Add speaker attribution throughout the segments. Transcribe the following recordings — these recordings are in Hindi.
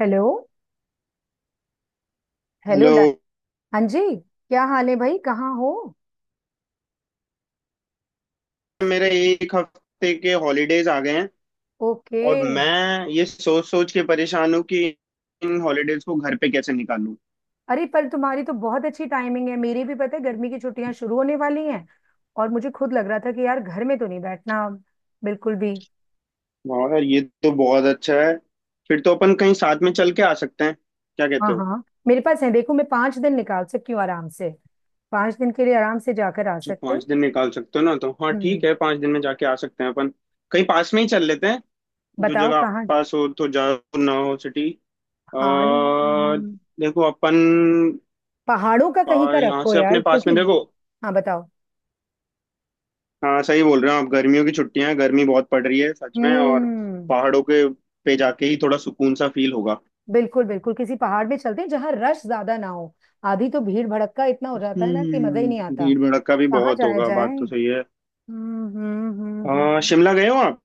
Speaker 1: हेलो। Hello
Speaker 2: hello.
Speaker 1: ला। हाँ जी, क्या हाल है भाई? कहाँ हो?
Speaker 2: मेरे एक हफ्ते के हॉलीडेज आ गए हैं।
Speaker 1: ओके।
Speaker 2: और मैं ये सोच सोच के परेशान हूँ कि इन हॉलीडेज को घर पे कैसे निकालूं।
Speaker 1: अरे पर तुम्हारी तो बहुत अच्छी टाइमिंग है, मेरी भी पता है गर्मी की छुट्टियां शुरू होने वाली हैं। और मुझे खुद लग रहा था कि यार घर में तो नहीं बैठना अब, बिल्कुल भी।
Speaker 2: वाह यार, ये तो बहुत अच्छा है। फिर तो अपन कहीं साथ में चल के आ सकते हैं, क्या कहते
Speaker 1: हाँ
Speaker 2: हो?
Speaker 1: हाँ, मेरे पास है, देखो मैं 5 दिन निकाल सकती हूँ आराम से। पांच दिन के लिए आराम से जाकर आ
Speaker 2: अच्छा,
Speaker 1: सकते हैं।
Speaker 2: 5 दिन निकाल सकते हो ना? तो हाँ, ठीक
Speaker 1: हम्म।
Speaker 2: है, 5 दिन में जाके आ सकते हैं अपन। कहीं पास में ही चल लेते हैं। जो
Speaker 1: बताओ
Speaker 2: जगह
Speaker 1: कहाँ।
Speaker 2: पास हो तो ज्यादा ना हो सिटी। आ,
Speaker 1: हाँ
Speaker 2: देखो अपन।
Speaker 1: पहाड़ों का कहीं का
Speaker 2: यहाँ
Speaker 1: रखो
Speaker 2: से
Speaker 1: यार,
Speaker 2: अपने पास में
Speaker 1: क्योंकि
Speaker 2: देखो।
Speaker 1: हाँ बताओ।
Speaker 2: हाँ, सही बोल रहे हो आप, गर्मियों की छुट्टियां हैं, गर्मी बहुत पड़ रही है सच में। और
Speaker 1: हम्म,
Speaker 2: पहाड़ों के पे जाके ही थोड़ा सुकून सा फील होगा।
Speaker 1: बिल्कुल बिल्कुल, किसी पहाड़ में चलते हैं जहां रश ज्यादा ना हो। आधी तो भीड़ भड़क का इतना हो जाता है ना कि मजा ही नहीं आता।
Speaker 2: भीड़ भड़क्का भी
Speaker 1: कहाँ
Speaker 2: बहुत
Speaker 1: जाया
Speaker 2: होगा, बात
Speaker 1: जाए?
Speaker 2: तो सही है।
Speaker 1: हम्म हम्म हम्म हम्म।
Speaker 2: शिमला गए हो आप?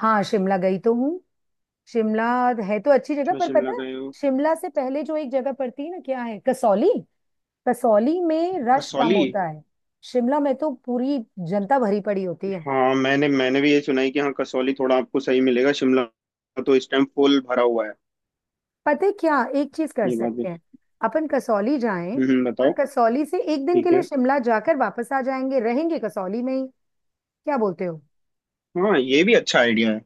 Speaker 1: हाँ शिमला गई तो हूँ। शिमला है तो अच्छी जगह
Speaker 2: अच्छा,
Speaker 1: पर पता
Speaker 2: शिमला
Speaker 1: है।
Speaker 2: गए हो।
Speaker 1: शिमला से पहले जो एक जगह पड़ती है ना, क्या है, कसौली। कसौली में रश कम
Speaker 2: कसौली।
Speaker 1: होता है। शिमला में तो पूरी जनता भरी पड़ी होती है।
Speaker 2: हाँ, मैंने मैंने भी ये सुना है कि हाँ, कसौली थोड़ा आपको सही मिलेगा, शिमला तो इस टाइम फुल भरा हुआ है।
Speaker 1: पता है क्या एक चीज कर
Speaker 2: ये बात भी।
Speaker 1: सकते हैं? अपन कसौली जाएं,
Speaker 2: हम्म,
Speaker 1: और
Speaker 2: बताओ।
Speaker 1: कसौली से एक दिन के
Speaker 2: ठीक
Speaker 1: लिए
Speaker 2: है।
Speaker 1: शिमला जाकर वापस आ जाएंगे, रहेंगे कसौली में ही। क्या बोलते हो?
Speaker 2: हाँ, ये भी अच्छा आइडिया है।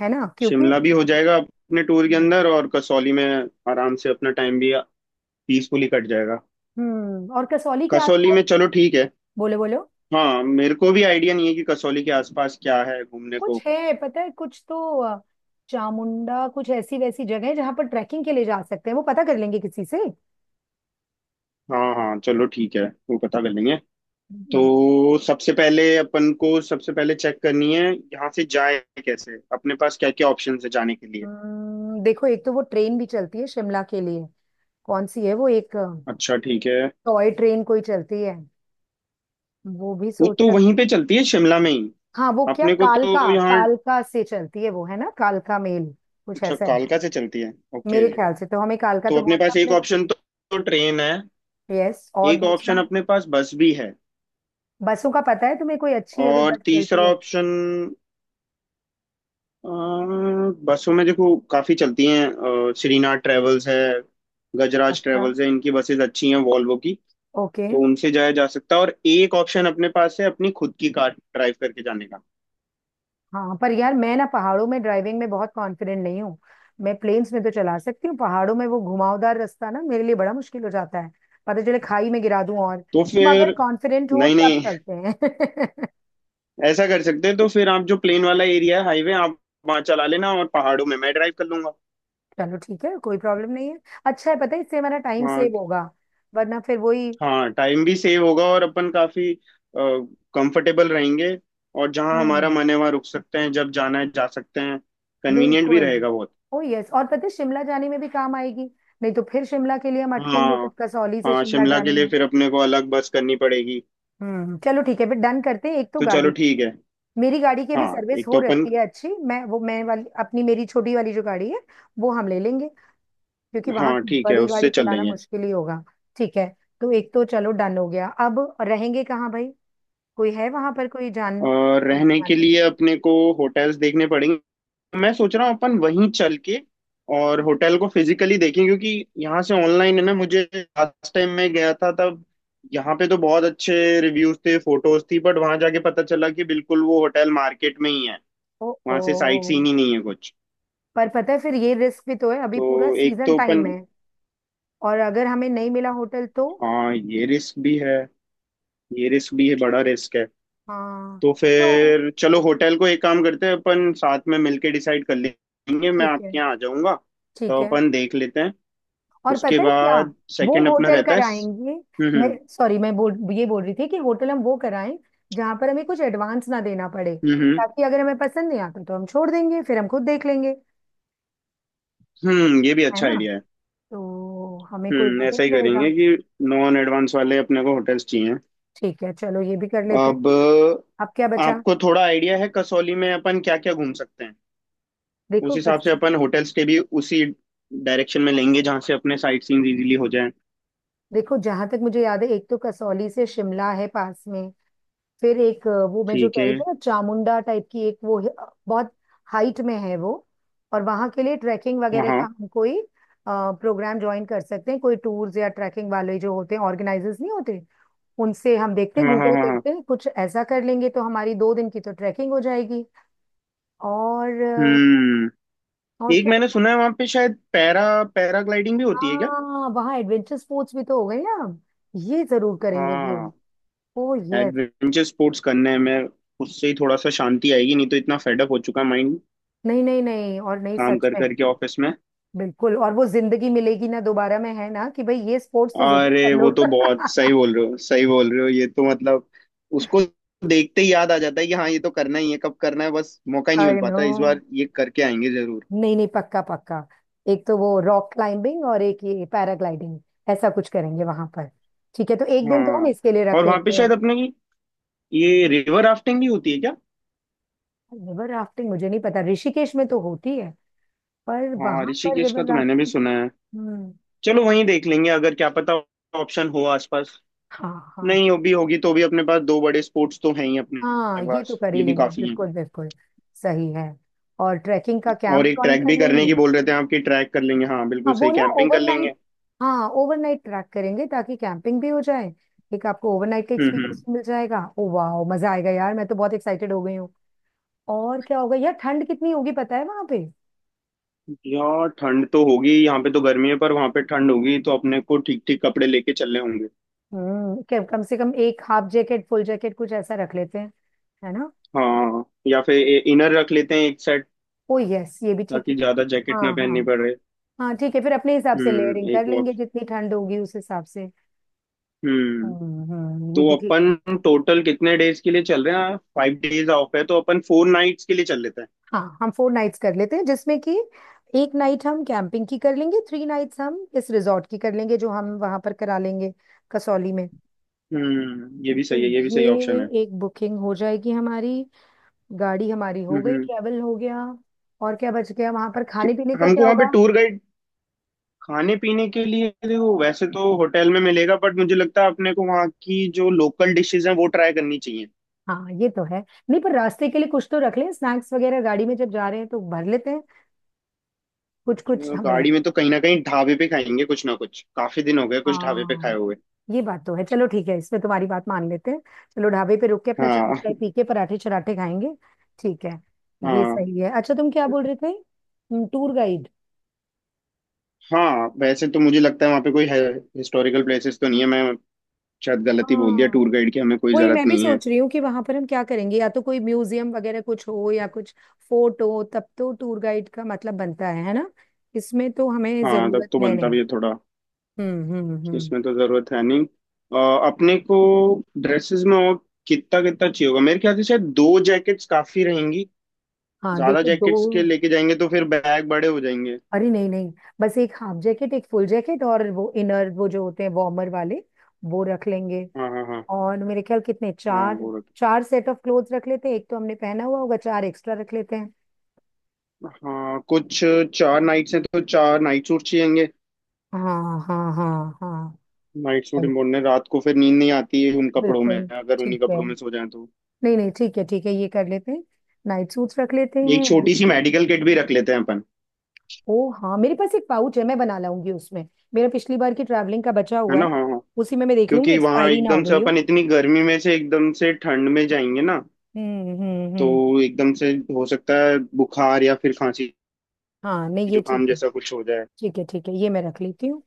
Speaker 1: है ना, क्योंकि
Speaker 2: शिमला भी हो जाएगा अपने टूर के
Speaker 1: हम्म
Speaker 2: अंदर, और कसौली में आराम से अपना टाइम भी पीसफुली कट जाएगा।
Speaker 1: और कसौली के
Speaker 2: कसौली
Speaker 1: आसपास
Speaker 2: में चलो, ठीक है।
Speaker 1: बोले बोलो
Speaker 2: हाँ, मेरे को भी आइडिया नहीं है कि कसौली के आसपास क्या है घूमने को।
Speaker 1: कुछ है पता है, कुछ तो चामुंडा कुछ ऐसी वैसी जगह है जहां पर ट्रैकिंग के लिए जा सकते हैं, वो पता कर लेंगे किसी से।
Speaker 2: हाँ, हाँ, चलो ठीक है, वो पता कर लेंगे।
Speaker 1: हम्म
Speaker 2: तो सबसे पहले अपन को सबसे पहले चेक करनी है यहाँ से जाए कैसे, अपने पास क्या क्या ऑप्शन है जाने के लिए।
Speaker 1: देखो एक तो वो ट्रेन भी चलती है शिमला के लिए। कौन सी है वो, एक
Speaker 2: अच्छा, ठीक है।
Speaker 1: टॉय ट्रेन कोई चलती है, वो भी
Speaker 2: वो
Speaker 1: सोच
Speaker 2: तो
Speaker 1: सक
Speaker 2: वहीं पे चलती है, शिमला में ही।
Speaker 1: हाँ वो क्या,
Speaker 2: अपने को
Speaker 1: कालका।
Speaker 2: तो यहाँ।
Speaker 1: कालका से चलती है वो, है ना, कालका मेल कुछ
Speaker 2: अच्छा,
Speaker 1: ऐसा है।
Speaker 2: कालका से चलती है, ओके।
Speaker 1: मेरे ख्याल से तो हमें कालका
Speaker 2: तो
Speaker 1: तो
Speaker 2: अपने
Speaker 1: पहुंचना
Speaker 2: पास एक
Speaker 1: पड़ेगा।
Speaker 2: ऑप्शन तो ट्रेन है।
Speaker 1: यस, और
Speaker 2: एक ऑप्शन
Speaker 1: दूसरा,
Speaker 2: अपने पास बस भी है।
Speaker 1: बसों का पता है तुम्हें? कोई अच्छी अगर
Speaker 2: और
Speaker 1: बस चलती
Speaker 2: तीसरा
Speaker 1: है।
Speaker 2: ऑप्शन अ, बसों में देखो काफी चलती हैं। श्रीनाथ ट्रेवल्स है, गजराज
Speaker 1: अच्छा,
Speaker 2: ट्रेवल्स है, इनकी बसेस अच्छी हैं वॉल्वो की।
Speaker 1: ओके।
Speaker 2: तो उनसे जाया जा सकता है, और एक ऑप्शन अपने पास है अपनी खुद की कार ड्राइव करके जाने का।
Speaker 1: हाँ पर यार मैं ना पहाड़ों में ड्राइविंग में बहुत कॉन्फिडेंट नहीं हूँ। मैं प्लेन्स में तो चला सकती हूँ, पहाड़ों में वो घुमावदार रास्ता ना मेरे लिए बड़ा मुश्किल हो जाता है। पता चले खाई में गिरा दूं। और
Speaker 2: तो
Speaker 1: तुम अगर
Speaker 2: फिर
Speaker 1: कॉन्फिडेंट हो
Speaker 2: नहीं,
Speaker 1: तब
Speaker 2: नहीं,
Speaker 1: चलते हैं।
Speaker 2: ऐसा कर सकते हैं। तो फिर आप जो प्लेन वाला एरिया है हाईवे, आप वहाँ चला लेना, और पहाड़ों में मैं ड्राइव कर लूंगा।
Speaker 1: चलो ठीक है, कोई प्रॉब्लम नहीं है। अच्छा है, पता है इससे हमारा टाइम
Speaker 2: हाँ।
Speaker 1: सेव होगा, वरना फिर वही
Speaker 2: हाँ, टाइम भी सेव होगा और अपन काफी कंफर्टेबल रहेंगे, और जहाँ हमारा
Speaker 1: हम्म।
Speaker 2: मन है वहाँ रुक सकते हैं, जब जाना है जा सकते हैं, कन्वीनियंट भी
Speaker 1: बिल्कुल।
Speaker 2: रहेगा बहुत।
Speaker 1: ओ यस, और पता है शिमला जाने में भी काम आएगी। नहीं तो फिर शिमला के लिए हम अटकेंगे
Speaker 2: हाँ।
Speaker 1: जब कसौली से
Speaker 2: हाँ,
Speaker 1: शिमला
Speaker 2: शिमला
Speaker 1: जाने
Speaker 2: के
Speaker 1: में।
Speaker 2: लिए फिर अपने को अलग बस करनी पड़ेगी।
Speaker 1: हम्म, चलो ठीक है, फिर डन करते हैं। एक तो
Speaker 2: तो चलो,
Speaker 1: गाड़ी,
Speaker 2: ठीक है।
Speaker 1: मेरी गाड़ी की भी
Speaker 2: हाँ,
Speaker 1: सर्विस
Speaker 2: एक
Speaker 1: हो
Speaker 2: तो अपन।
Speaker 1: रखी है अच्छी। मैं वो मैं वाली अपनी मेरी छोटी वाली जो गाड़ी है वो हम ले लेंगे, क्योंकि वहां
Speaker 2: हाँ,
Speaker 1: तो
Speaker 2: ठीक है,
Speaker 1: बड़ी
Speaker 2: उससे
Speaker 1: गाड़ी
Speaker 2: चल
Speaker 1: चलाना
Speaker 2: लेंगे।
Speaker 1: मुश्किल ही होगा। ठीक है, तो एक तो चलो डन हो गया। अब रहेंगे कहाँ भाई? कोई है वहां पर कोई जान,
Speaker 2: और
Speaker 1: मतलब
Speaker 2: रहने
Speaker 1: जान
Speaker 2: के
Speaker 1: पे।
Speaker 2: लिए अपने को होटल्स देखने पड़ेंगे। मैं सोच रहा हूँ अपन वहीं चल के और होटल को फिजिकली देखें, क्योंकि यहाँ से ऑनलाइन है ना, मुझे लास्ट टाइम मैं गया था तब, यहाँ पे तो बहुत अच्छे रिव्यूज थे, फोटोज थी, बट वहां जाके पता चला कि बिल्कुल वो होटल मार्केट में ही है,
Speaker 1: ओ।
Speaker 2: वहां
Speaker 1: ओ,
Speaker 2: से साइट सीन ही नहीं है कुछ।
Speaker 1: पर पता है फिर ये रिस्क भी तो है, अभी
Speaker 2: तो
Speaker 1: पूरा
Speaker 2: एक
Speaker 1: सीजन
Speaker 2: तो अपन।
Speaker 1: टाइम है। और अगर हमें नहीं मिला होटल तो?
Speaker 2: हाँ, ये रिस्क भी है, ये रिस्क भी है, बड़ा रिस्क है।
Speaker 1: हाँ
Speaker 2: तो
Speaker 1: तो
Speaker 2: फिर चलो होटल को एक काम करते हैं, अपन साथ में मिलके डिसाइड कर लेंगे, मैं
Speaker 1: ठीक है,
Speaker 2: आपके यहाँ आ जाऊंगा।
Speaker 1: ठीक
Speaker 2: तो
Speaker 1: है।
Speaker 2: अपन देख लेते हैं।
Speaker 1: और
Speaker 2: उसके
Speaker 1: पता है क्या,
Speaker 2: बाद
Speaker 1: वो
Speaker 2: सेकंड अपना
Speaker 1: होटल
Speaker 2: रहता है
Speaker 1: कराएंगे, मैं
Speaker 2: हम्म,
Speaker 1: सॉरी मैं बोल ये बोल रही थी कि होटल हम वो कराएं जहां पर हमें कुछ एडवांस ना देना पड़े,
Speaker 2: हम्म, हम्म,
Speaker 1: ताकि अगर हमें पसंद नहीं आता तो हम छोड़ देंगे, फिर हम खुद देख लेंगे।
Speaker 2: हम्म। ये भी
Speaker 1: है
Speaker 2: अच्छा
Speaker 1: ना,
Speaker 2: आइडिया है।
Speaker 1: तो हमें कोई वो भी
Speaker 2: ऐसा
Speaker 1: नहीं
Speaker 2: ही करेंगे
Speaker 1: रहेगा।
Speaker 2: कि नॉन एडवांस वाले अपने को होटल्स चाहिए।
Speaker 1: ठीक है, चलो ये भी कर लेते हैं।
Speaker 2: अब
Speaker 1: अब क्या बचा?
Speaker 2: आपको थोड़ा आइडिया है कसौली में अपन क्या क्या घूम सकते हैं?
Speaker 1: देखो
Speaker 2: उस हिसाब से
Speaker 1: बस,
Speaker 2: अपन होटल्स के भी उसी डायरेक्शन में लेंगे, जहाँ से अपने साइट सीइंग इजीली हो जाए।
Speaker 1: देखो जहां तक मुझे याद है एक तो कसौली से शिमला है पास में। फिर एक वो मैं जो
Speaker 2: ठीक
Speaker 1: कह
Speaker 2: है।
Speaker 1: रही थी ना, चामुंडा टाइप की एक वो है, बहुत हाइट में है वो। और वहां के लिए ट्रैकिंग
Speaker 2: हाँ,
Speaker 1: वगैरह का
Speaker 2: हाँ,
Speaker 1: हम कोई प्रोग्राम ज्वाइन कर सकते हैं, कोई टूर्स या ट्रैकिंग वाले जो होते हैं ऑर्गेनाइजर्स नहीं होते, उनसे हम देखते हैं,
Speaker 2: हाँ, हाँ।
Speaker 1: गूगल
Speaker 2: हाँ, हाँ।
Speaker 1: करते हैं, कुछ ऐसा कर लेंगे तो हमारी 2 दिन की तो ट्रैकिंग हो जाएगी। और
Speaker 2: हम्म
Speaker 1: और
Speaker 2: एक
Speaker 1: क्या
Speaker 2: मैंने
Speaker 1: होता है?
Speaker 2: सुना है वहां पे शायद पैराग्लाइडिंग भी होती है क्या?
Speaker 1: हाँ वहाँ एडवेंचर स्पोर्ट्स भी तो हो गए ना, ये जरूर करेंगे भाई।
Speaker 2: हाँ।
Speaker 1: Oh yes.
Speaker 2: एडवेंचर स्पोर्ट्स करने में उससे ही थोड़ा सा शांति आएगी, नहीं तो इतना फेडअप हो चुका है माइंड,
Speaker 1: नहीं नहीं नहीं, और नहीं
Speaker 2: काम
Speaker 1: सच
Speaker 2: कर
Speaker 1: में,
Speaker 2: करके ऑफिस में।
Speaker 1: बिल्कुल। और वो जिंदगी मिलेगी ना दोबारा में, है ना, कि भाई ये स्पोर्ट्स तो जरूर
Speaker 2: अरे
Speaker 1: कर लो।
Speaker 2: वो तो बहुत सही बोल रहे हो, सही बोल रहे हो, ये तो मतलब उसको देखते ही याद आ जाता है कि हाँ, ये तो करना ही है, कब करना है, बस मौका ही नहीं मिल
Speaker 1: आई नो,
Speaker 2: पाता, इस बार ये करके आएंगे जरूर।
Speaker 1: नहीं नहीं पक्का पक्का। एक तो वो रॉक क्लाइंबिंग और एक ये पैराग्लाइडिंग, ऐसा कुछ करेंगे वहां पर। ठीक है, तो एक दिन तो हम
Speaker 2: हाँ।
Speaker 1: इसके लिए रख
Speaker 2: और वहां पे
Speaker 1: लेते हैं।
Speaker 2: शायद अपने की ये रिवर राफ्टिंग भी होती है क्या?
Speaker 1: रिवर राफ्टिंग मुझे नहीं पता, ऋषिकेश में तो होती है, पर
Speaker 2: हाँ,
Speaker 1: वहां पर
Speaker 2: ऋषिकेश का
Speaker 1: रिवर
Speaker 2: तो मैंने भी
Speaker 1: राफ्टिंग
Speaker 2: सुना है।
Speaker 1: हम्म।
Speaker 2: चलो वहीं देख लेंगे, अगर क्या पता ऑप्शन हो आसपास।
Speaker 1: हाँ हाँ
Speaker 2: नहीं हो भी होगी तो भी अपने पास दो बड़े स्पोर्ट्स तो हैं ही, अपने
Speaker 1: हाँ, ये तो
Speaker 2: पास
Speaker 1: कर ही
Speaker 2: ये भी
Speaker 1: लेंगे
Speaker 2: काफी हैं।
Speaker 1: बिल्कुल बिल्कुल। सही है। और ट्रैकिंग का
Speaker 2: और
Speaker 1: कैंप
Speaker 2: एक
Speaker 1: ज्वाइन
Speaker 2: ट्रैक
Speaker 1: कर
Speaker 2: भी करने
Speaker 1: लेंगे।
Speaker 2: की बोल रहे थे आपकी, ट्रैक कर लेंगे, हाँ बिल्कुल
Speaker 1: हाँ, वो
Speaker 2: सही,
Speaker 1: ना
Speaker 2: कैंपिंग कर लेंगे।
Speaker 1: ओवरनाइट, हाँ ओवरनाइट ट्रैक करेंगे ताकि कैंपिंग भी हो जाए। एक आपको ओवरनाइट का
Speaker 2: हम्म,
Speaker 1: एक्सपीरियंस
Speaker 2: हम्म।
Speaker 1: मिल जाएगा। ओ वाह, मजा आएगा यार, मैं तो बहुत एक्साइटेड हो गई हूँ। और क्या होगा यार, ठंड कितनी होगी पता है वहां पे?
Speaker 2: यार ठंड तो होगी, यहाँ पे तो गर्मी है, पर वहां पे ठंड होगी, तो अपने को ठीक ठीक कपड़े लेके चलने होंगे।
Speaker 1: हम्म, कम से कम एक हाफ जैकेट, फुल जैकेट कुछ ऐसा रख लेते हैं, है ना।
Speaker 2: हाँ, या फिर इनर रख लेते हैं एक सेट,
Speaker 1: ओ यस, ये भी ठीक
Speaker 2: ताकि
Speaker 1: है।
Speaker 2: ज्यादा जैकेट
Speaker 1: हाँ
Speaker 2: ना
Speaker 1: हाँ
Speaker 2: पहननी पड़े।
Speaker 1: हाँ, ठीक है फिर अपने हिसाब से लेयरिंग कर
Speaker 2: एक
Speaker 1: लेंगे, जितनी ठंड होगी उस हिसाब से।
Speaker 2: वॉश।
Speaker 1: हम्म, ये
Speaker 2: तो
Speaker 1: भी ठीक।
Speaker 2: अपन टोटल कितने डेज के लिए चल रहे हैं? 5 डेज ऑफ है, तो अपन 4 नाइट्स के लिए चल लेते हैं।
Speaker 1: हाँ हम 4 नाइट्स कर लेते हैं, जिसमें कि एक नाइट हम कैंपिंग की कर लेंगे, 3 नाइट्स हम इस रिजॉर्ट की कर लेंगे जो हम वहां पर करा लेंगे कसौली में।
Speaker 2: ये भी
Speaker 1: तो
Speaker 2: सही है, ये भी
Speaker 1: ये
Speaker 2: सही ऑप्शन है।
Speaker 1: एक बुकिंग हो जाएगी हमारी। गाड़ी हमारी हो
Speaker 2: हम्म,
Speaker 1: गई, ट्रैवल हो गया। और क्या बच गया? वहां पर खाने पीने का
Speaker 2: हमको
Speaker 1: क्या
Speaker 2: वहाँ पे
Speaker 1: होगा?
Speaker 2: Tour guide. खाने पीने के लिए देखो वैसे तो होटल में मिलेगा, बट मुझे लगता है अपने को वहाँ की जो लोकल डिशेज हैं वो ट्राई करनी चाहिए।
Speaker 1: हाँ ये तो है। नहीं पर रास्ते के लिए कुछ तो रख लें, स्नैक्स वगैरह गाड़ी में, जब जा रहे हैं तो भर लेते हैं कुछ कुछ
Speaker 2: जो
Speaker 1: हमें।
Speaker 2: गाड़ी में तो कहीं ना कहीं ढाबे पे खाएंगे कुछ ना कुछ, काफी दिन हो गए कुछ ढाबे पे खाए
Speaker 1: हाँ
Speaker 2: हुए।
Speaker 1: ये बात तो है, चलो ठीक है इसमें तुम्हारी बात मान लेते हैं। चलो ढाबे पे रुक के अपना चाय
Speaker 2: हाँ।
Speaker 1: चाय पी के पराठे चराठे खाएंगे। ठीक है, ये
Speaker 2: हाँ,
Speaker 1: सही है। अच्छा तुम क्या बोल रहे थे? Tour guide.
Speaker 2: हाँ। वैसे तो मुझे लगता है वहाँ पे कोई हिस्टोरिकल प्लेसेस तो नहीं है, मैं शायद गलती बोल दिया,
Speaker 1: हाँ
Speaker 2: टूर गाइड की हमें कोई
Speaker 1: वही
Speaker 2: जरूरत
Speaker 1: मैं भी
Speaker 2: नहीं है।
Speaker 1: सोच रही हूँ कि वहां पर हम क्या करेंगे। या तो कोई म्यूजियम वगैरह कुछ हो या कुछ फोर्ट हो, तब तो टूर गाइड का मतलब बनता है ना। इसमें तो हमें
Speaker 2: हाँ, तब
Speaker 1: जरूरत
Speaker 2: तो
Speaker 1: है
Speaker 2: बनता भी
Speaker 1: नहीं।
Speaker 2: है थोड़ा।
Speaker 1: हम्म।
Speaker 2: इसमें तो जरूरत है नहीं। अ, अपने को ड्रेसेस में और कितना कितना चाहिए होगा? मेरे ख्याल से शायद दो जैकेट्स काफी रहेंगी।
Speaker 1: हाँ
Speaker 2: ज्यादा
Speaker 1: देखो दो,
Speaker 2: जैकेट्स के लेके जाएंगे तो फिर बैग बड़े हो जाएंगे।
Speaker 1: अरे नहीं नहीं, बस एक हाफ जैकेट, एक फुल जैकेट, और वो इनर वो जो होते हैं वार्मर वाले, वो रख लेंगे।
Speaker 2: हाँ, हाँ, हाँ,
Speaker 1: और मेरे ख्याल कितने
Speaker 2: हाँ।
Speaker 1: चार,
Speaker 2: वो रख
Speaker 1: 4 सेट ऑफ क्लोथ रख लेते हैं। एक तो हमने पहना हुआ होगा, 4 एक्स्ट्रा रख लेते हैं।
Speaker 2: हाँ कुछ 4 नाइट्स हैं, तो चार नाइट सूट चाहिएंगे।
Speaker 1: हाँ हाँ हाँ हाँ,
Speaker 2: नाइट सूट
Speaker 1: right,
Speaker 2: इम्पोर्टेंट है, रात को फिर नींद नहीं आती है उन कपड़ों में,
Speaker 1: बिल्कुल।
Speaker 2: अगर
Speaker 1: ठीक
Speaker 2: उन्हीं
Speaker 1: है,
Speaker 2: कपड़ों में सो जाए तो।
Speaker 1: नहीं नहीं ठीक है ठीक है ये कर लेते हैं। नाइट सूट्स रख लेते
Speaker 2: एक
Speaker 1: हैं।
Speaker 2: छोटी सी मेडिकल किट भी रख लेते हैं अपन।
Speaker 1: ओ हाँ, मेरे पास एक पाउच है, मैं बना लाऊंगी उसमें, मेरा पिछली बार की ट्रैवलिंग का बचा
Speaker 2: है
Speaker 1: हुआ
Speaker 2: ना?
Speaker 1: है।
Speaker 2: हाँ, हाँ।
Speaker 1: उसी में मैं देख लूंगी,
Speaker 2: क्योंकि वहां
Speaker 1: एक्सपायरी ना हो
Speaker 2: एकदम से
Speaker 1: गई हो।
Speaker 2: अपन इतनी गर्मी में से एकदम से ठंड में जाएंगे ना, तो
Speaker 1: हम्म।
Speaker 2: एकदम से हो सकता है बुखार या फिर खांसी
Speaker 1: हाँ नहीं ये ठीक
Speaker 2: जुकाम
Speaker 1: है।
Speaker 2: जैसा कुछ हो जाए।
Speaker 1: ठीक है ठीक है, ये मैं रख लेती हूँ।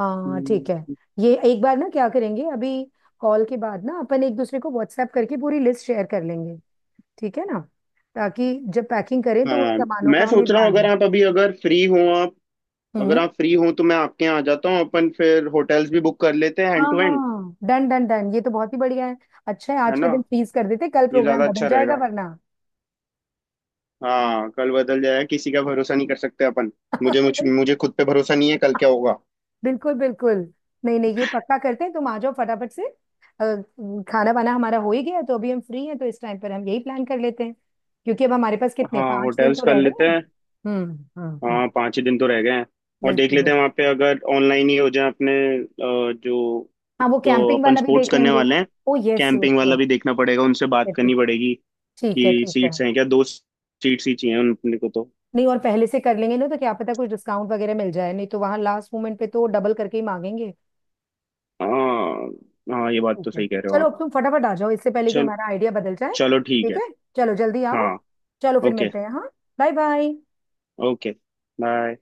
Speaker 1: हाँ
Speaker 2: हम्म।
Speaker 1: ठीक है। ये एक बार ना क्या करेंगे, अभी कॉल के बाद ना अपन एक दूसरे को व्हाट्सएप करके पूरी लिस्ट शेयर कर लेंगे, ठीक है ना, ताकि जब पैकिंग करें तो उन
Speaker 2: हाँ,
Speaker 1: सामानों का
Speaker 2: मैं
Speaker 1: हमें
Speaker 2: सोच रहा हूँ
Speaker 1: ध्यान
Speaker 2: अगर
Speaker 1: है।
Speaker 2: आप अभी अगर फ्री हो आप। अगर
Speaker 1: हम्म।
Speaker 2: आप फ्री हो तो मैं आपके यहाँ आ जाता हूँ, अपन फिर होटल्स भी बुक कर लेते हैं
Speaker 1: हाँ
Speaker 2: हैंड टू हैंड।
Speaker 1: हाँ, डन डन डन, ये तो बहुत ही बढ़िया है। अच्छा है,
Speaker 2: है
Speaker 1: आज के
Speaker 2: ना?
Speaker 1: दिन फ्रीज कर देते, कल
Speaker 2: ये
Speaker 1: प्रोग्राम
Speaker 2: ज्यादा
Speaker 1: बदल
Speaker 2: अच्छा
Speaker 1: जाएगा
Speaker 2: रहेगा।
Speaker 1: वरना।
Speaker 2: हाँ, कल बदल जाएगा, किसी का भरोसा नहीं कर सकते अपन। मुझे मुझ, मुझे खुद पे भरोसा नहीं है कल क्या होगा।
Speaker 1: बिल्कुल बिल्कुल। नहीं नहीं, ये पक्का करते हैं, तुम आ जाओ फटाफट से। अ, खाना वाना हमारा हो ही गया है, तो अभी हम फ्री हैं, तो इस टाइम पर हम यही प्लान कर लेते हैं, क्योंकि अब हमारे पास कितने,
Speaker 2: हाँ,
Speaker 1: 5 दिन
Speaker 2: होटल्स
Speaker 1: तो
Speaker 2: कर
Speaker 1: रह गए
Speaker 2: लेते
Speaker 1: हैं।
Speaker 2: हैं।
Speaker 1: हम्म हम्म,
Speaker 2: हाँ, पाँच ही दिन तो रह गए हैं। और देख
Speaker 1: बिल्कुल
Speaker 2: लेते
Speaker 1: बिल्कुल।
Speaker 2: हैं वहाँ पे अगर ऑनलाइन ही हो जाए अपने जो
Speaker 1: हाँ वो
Speaker 2: जो
Speaker 1: कैंपिंग
Speaker 2: अपन
Speaker 1: वाला भी
Speaker 2: स्पोर्ट्स
Speaker 1: देख
Speaker 2: करने
Speaker 1: लेंगे।
Speaker 2: वाले हैं।
Speaker 1: ओ यस यस
Speaker 2: कैंपिंग वाला
Speaker 1: यस।
Speaker 2: भी देखना पड़ेगा, उनसे
Speaker 1: ठीक है
Speaker 2: बात करनी
Speaker 1: ठीक,
Speaker 2: पड़ेगी
Speaker 1: ठीक है
Speaker 2: कि
Speaker 1: ठीक है।
Speaker 2: सीट्स हैं क्या, दो सीट्स ही चाहिए उन अपने को तो।
Speaker 1: नहीं, और पहले से कर लेंगे ना तो क्या पता कुछ डिस्काउंट वगैरह मिल जाए, नहीं तो वहां लास्ट मोमेंट पे तो डबल करके ही मांगेंगे।
Speaker 2: हाँ, हाँ, ये बात तो
Speaker 1: ठीक है,
Speaker 2: सही कह रहे हो
Speaker 1: चलो
Speaker 2: आप।
Speaker 1: अब तुम फटाफट आ जाओ इससे पहले कि
Speaker 2: चल
Speaker 1: हमारा आइडिया बदल जाए।
Speaker 2: चलो ठीक
Speaker 1: ठीक
Speaker 2: है।
Speaker 1: है, चलो जल्दी आओ।
Speaker 2: हाँ।
Speaker 1: चलो फिर
Speaker 2: ओके,
Speaker 1: मिलते हैं, हाँ। Bye bye.
Speaker 2: Okay, bye.